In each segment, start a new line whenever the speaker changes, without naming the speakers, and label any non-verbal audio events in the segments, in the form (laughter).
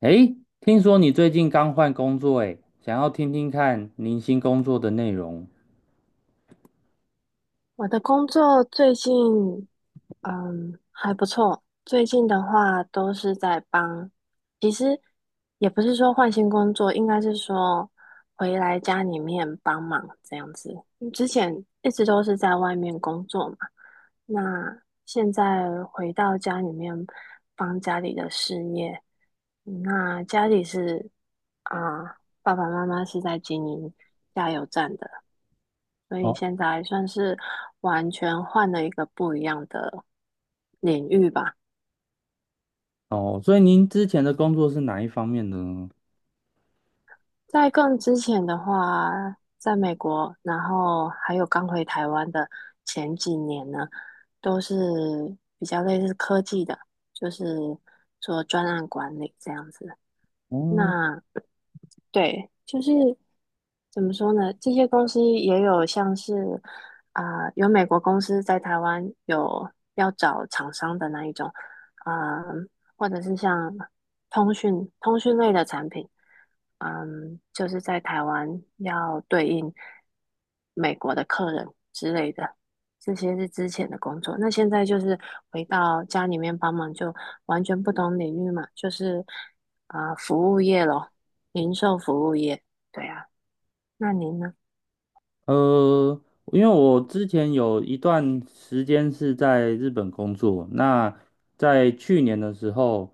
诶，听说你最近刚换工作，诶，想要听听看您新工作的内容。
我的工作最近，嗯，还不错。最近的话都是在帮，其实也不是说换新工作，应该是说回来家里面帮忙这样子。嗯之前一直都是在外面工作嘛，那现在回到家里面帮家里的事业。嗯那家里是啊，爸爸妈妈是在经营加油站的。所以
哦
现在算是完全换了一个不一样的领域吧。
哦，所以您之前的工作是哪一方面的呢？
在更之前的话，在美国，然后还有刚回台湾的前几年呢，都是比较类似科技的，就是做专案管理这样子。
哦，
那对，就是怎么说呢？这些公司也有像是有美国公司在台湾有要找厂商的那一种，嗯、或者是像通讯类的产品，嗯，就是在台湾要对应美国的客人之类的，这些是之前的工作。那现在就是回到家里面帮忙，就完全不同领域嘛，就是服务业咯。零售服务业，对啊。那您呢？
呃，因为我之前有一段时间是在日本工作，那在去年的时候，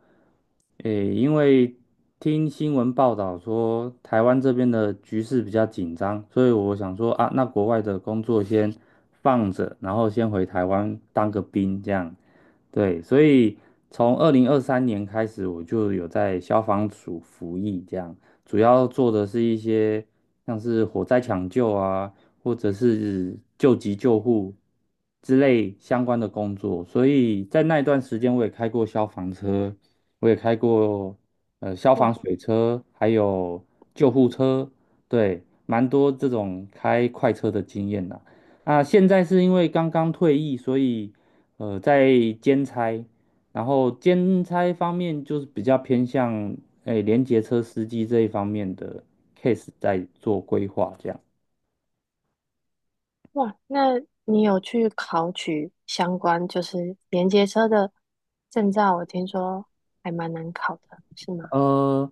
诶，因为听新闻报道说台湾这边的局势比较紧张，所以我想说啊，那国外的工作先放着，然后先回台湾当个兵这样。对，所以从2023年开始，我就有在消防署服役，这样主要做的是一些像是火灾抢救啊，或者是救急救护之类相关的工作。所以在那一段时间，我也开过消防车，我也开过消防
哇
水车，还有救护车，对，蛮多这种开快车的经验啦。那现在是因为刚刚退役，所以在兼差，然后兼差方面就是比较偏向诶联结车司机这一方面的 case 在做规划这样。
哇，那你有去考取相关就是连接车的证照？我听说还蛮难考的，是吗？
呃，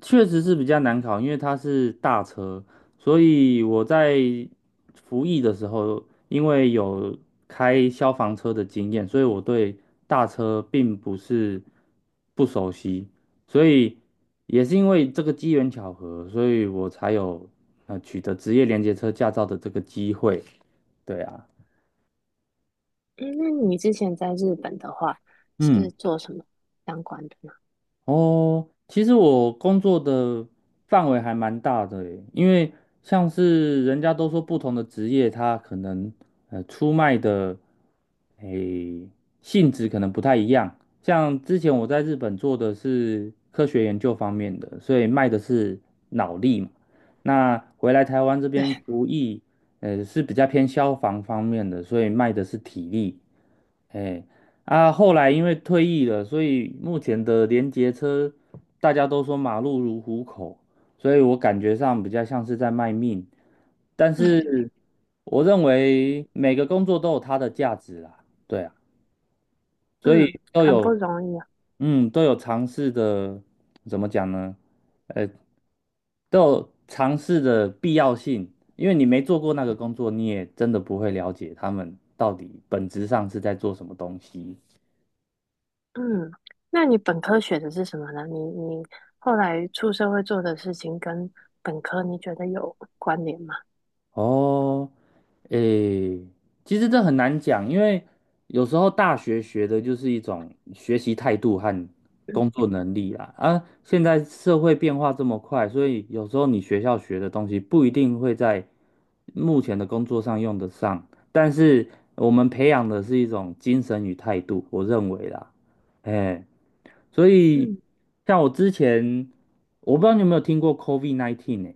确实是比较难考，因为它是大车，所以我在服役的时候，因为有开消防车的经验，所以我对大车并不是不熟悉，所以也是因为这个机缘巧合，所以我才有取得职业连接车驾照的这个机会。对啊，
嗯，那你之前在日本的话是
嗯。
做什么相关的呢？
哦，其实我工作的范围还蛮大的诶，因为像是人家都说不同的职业，它可能出卖的诶性质可能不太一样。像之前我在日本做的是科学研究方面的，所以卖的是脑力嘛。那回来台湾这边
对，
服役，是比较偏消防方面的，所以卖的是体力。哎，啊，后来因为退役了，所以目前的联结车大家都说马路如虎口，所以我感觉上比较像是在卖命。但是我认为每个工作都有它的价值啦，对啊，所
嗯，
以都
很不
有，
容易啊。
嗯，都有尝试的，怎么讲呢？呃，都有尝试的必要性，因为你没做过那个工作，你也真的不会了解他们到底本质上是在做什么东西。
嗯，那你本科学的是什么呢？你后来出社会做的事情跟本科你觉得有关联吗？
哦，诶，其实这很难讲，因为有时候大学学的就是一种学习态度和工作能力啦。啊，现在社会变化这么快，所以有时候你学校学的东西不一定会在目前的工作上用得上，但是我们培养的是一种精神与态度，我认为啦，哎，所以
嗯
像我之前，我不知道你有没有听过 COVID-19 呢？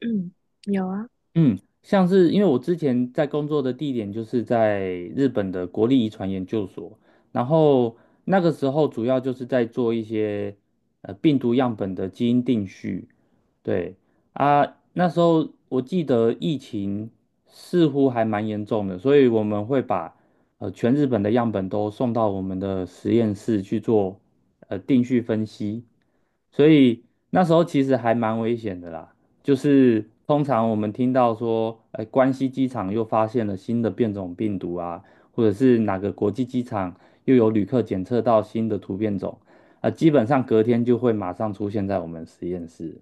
嗯，有啊，
嗯，像是因为我之前在工作的地点就是在日本的国立遗传研究所，然后那个时候主要就是在做一些病毒样本的基因定序，对啊，那时候我记得疫情似乎还蛮严重的，所以我们会把全日本的样本都送到我们的实验室去做定序分析，所以那时候其实还蛮危险的啦。就是通常我们听到说，哎、关西机场又发现了新的变种病毒啊，或者是哪个国际机场又有旅客检测到新的突变种，基本上隔天就会马上出现在我们实验室。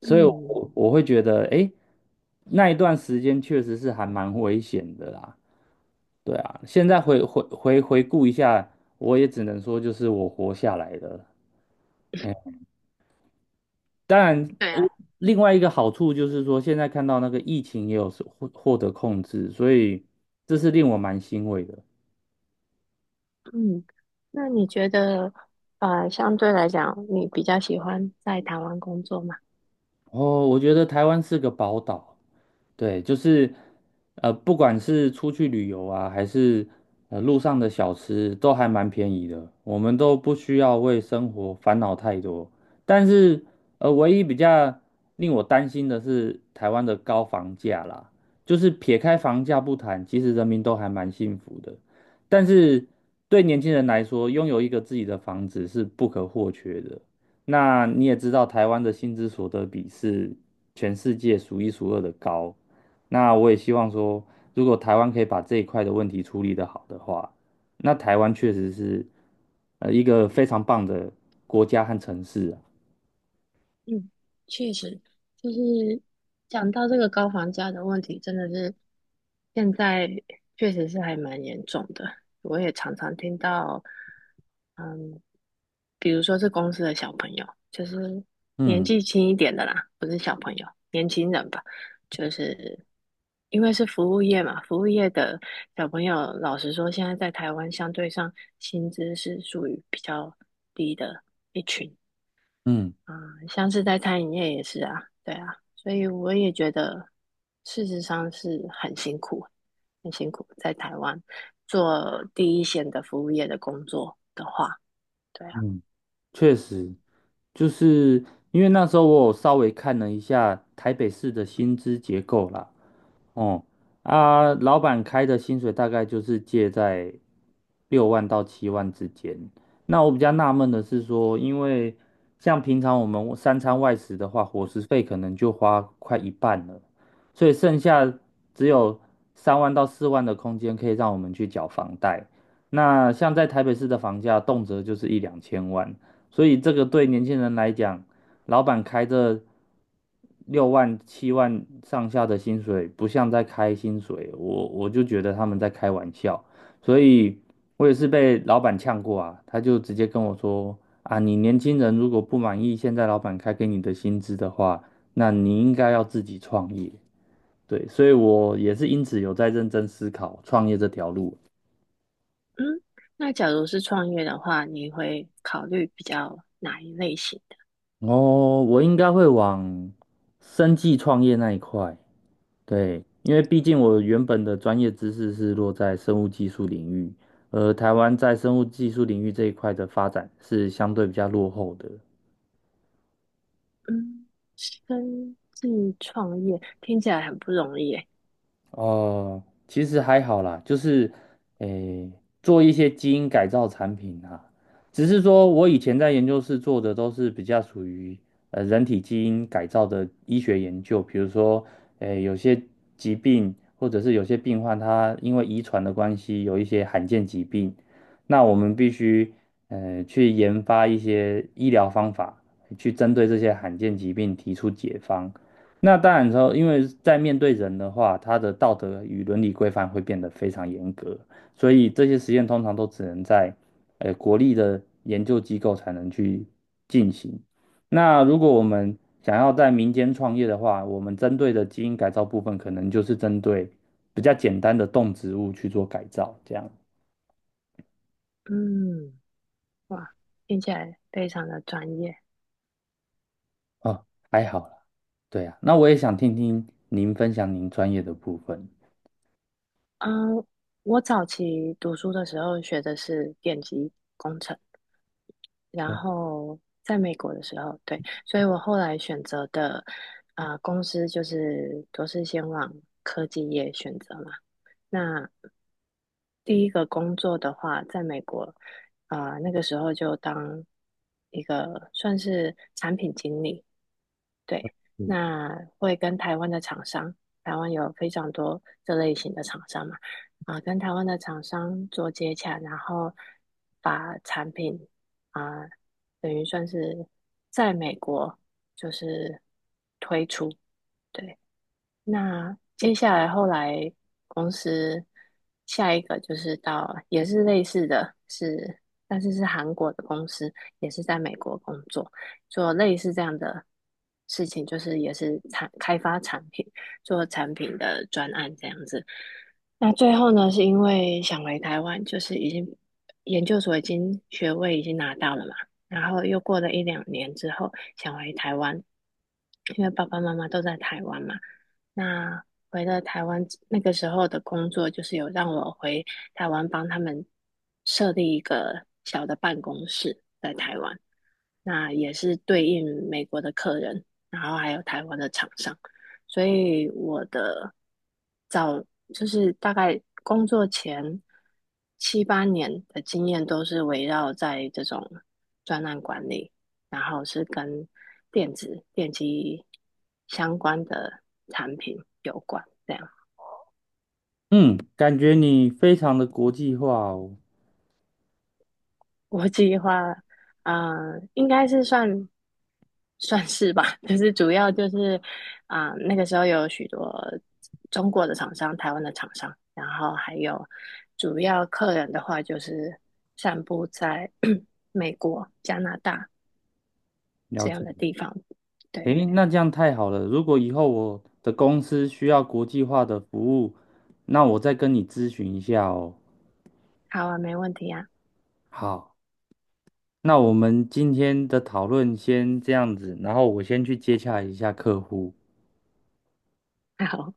所以
嗯。
我会觉得，哎，那一段时间确实是还蛮危险的啦。对啊，现在回顾一下，我也只能说就是我活下来了。哎，当然，
对啊。
我另外一个好处就是说，现在看到那个疫情也有是获得控制，所以这是令我蛮欣慰的。
嗯，那你觉得，相对来讲，你比较喜欢在台湾工作吗？
哦，我觉得台湾是个宝岛。对，就是不管是出去旅游啊，还是路上的小吃，都还蛮便宜的，我们都不需要为生活烦恼太多。但是唯一比较令我担心的是台湾的高房价啦，就是撇开房价不谈，其实人民都还蛮幸福的。但是对年轻人来说，拥有一个自己的房子是不可或缺的。那你也知道，台湾的薪资所得比是全世界数一数二的高。那我也希望说，如果台湾可以把这一块的问题处理的好的话，那台湾确实是一个非常棒的国家和城市啊。
嗯，确实，就是讲到这个高房价的问题，真的是，现在确实是还蛮严重的，我也常常听到，嗯，比如说是公司的小朋友，就是年
嗯
纪轻一点的啦，不是小朋友，年轻人吧，就是因为是服务业嘛，服务业的小朋友，老实说，现在在台湾相对上薪资是属于比较低的一群，
嗯
嗯，像是在餐饮业也是啊，对啊，所以我也觉得，事实上是很辛苦，很辛苦。在台湾做第一线的服务业的工作的话，对啊，
嗯，确实，就是因为那时候我有稍微看了一下台北市的薪资结构啦，哦，啊，老板开的薪水大概就是介在六万到七万之间。那我比较纳闷的是说，因为像平常我们三餐外食的话，伙食费可能就花快一半了，所以剩下只有3万到4万的空间可以让我们去缴房贷。那像在台北市的房价，动辄就是一两千万，所以这个对年轻人来讲，老板开着六万七万上下的薪水，不像在开薪水，我就觉得他们在开玩笑，所以我也是被老板呛过啊，他就直接跟我说啊，你年轻人如果不满意现在老板开给你的薪资的话，那你应该要自己创业。对，所以我也是因此有在认真思考创业这条路。
嗯，那假如是创业的话，你会考虑比较哪一类型的？
哦，我应该会往生计创业那一块。对，因为毕竟我原本的专业知识是落在生物技术领域，而台湾在生物技术领域这一块的发展是相对比较落后的。
嗯，生计创业听起来很不容易诶，
哦，其实还好啦，就是诶，做一些基因改造产品啊，只是说我以前在研究室做的都是比较属于人体基因改造的医学研究，比如说诶有些疾病或者是有些病患他因为遗传的关系有一些罕见疾病，那我们必须去研发一些医疗方法去针对这些罕见疾病提出解方。那当然之后，因为在面对人的话，他的道德与伦理规范会变得非常严格，所以这些实验通常都只能在国立的研究机构才能去进行。那如果我们想要在民间创业的话，我们针对的基因改造部分，可能就是针对比较简单的动植物去做改造，这样
嗯，哇，听起来非常的专业。
哦，还好啦。对啊，那我也想听听您分享您专业的部分。
嗯，我早期读书的时候学的是电机工程，然后在美国的时候，对，所以我后来选择的公司就是都是先往科技业选择嘛。那第一个工作的话，在美国，那个时候就当一个算是产品经理，对，
嗯，
那会跟台湾的厂商，台湾有非常多这类型的厂商嘛，跟台湾的厂商做接洽，然后把产品啊、等于算是在美国就是推出，对，那接下来后来公司下一个就是到也是类似的是，但是是韩国的公司，也是在美国工作，做类似这样的事情，就是也是产开发产品，做产品的专案这样子。那最后呢，是因为想回台湾，就是已经研究所已经学位已经拿到了嘛，然后又过了一两年之后想回台湾，因为爸爸妈妈都在台湾嘛。那回了台湾，那个时候的工作就是有让我回台湾帮他们设立一个小的办公室在台湾，那也是对应美国的客人，然后还有台湾的厂商，所以我的早就是大概工作前七八年的经验都是围绕在这种专案管理。然后是跟电子电机相关的产品有关。这样，
嗯，感觉你非常的国际化哦。
我计划，应该是算算是吧，就是主要就是那个时候有许多中国的厂商、台湾的厂商，然后还有主要客人的话，就是散布在 (clears throat) 美国、加拿大
了
这样
解，
的地方。对，
诶，那这样太好了。如果以后我的公司需要国际化的服务，那我再跟你咨询一下哦。
好啊，没问题啊，
好，那我们今天的讨论先这样子，然后我先去接洽一下客户。
(laughs) 好。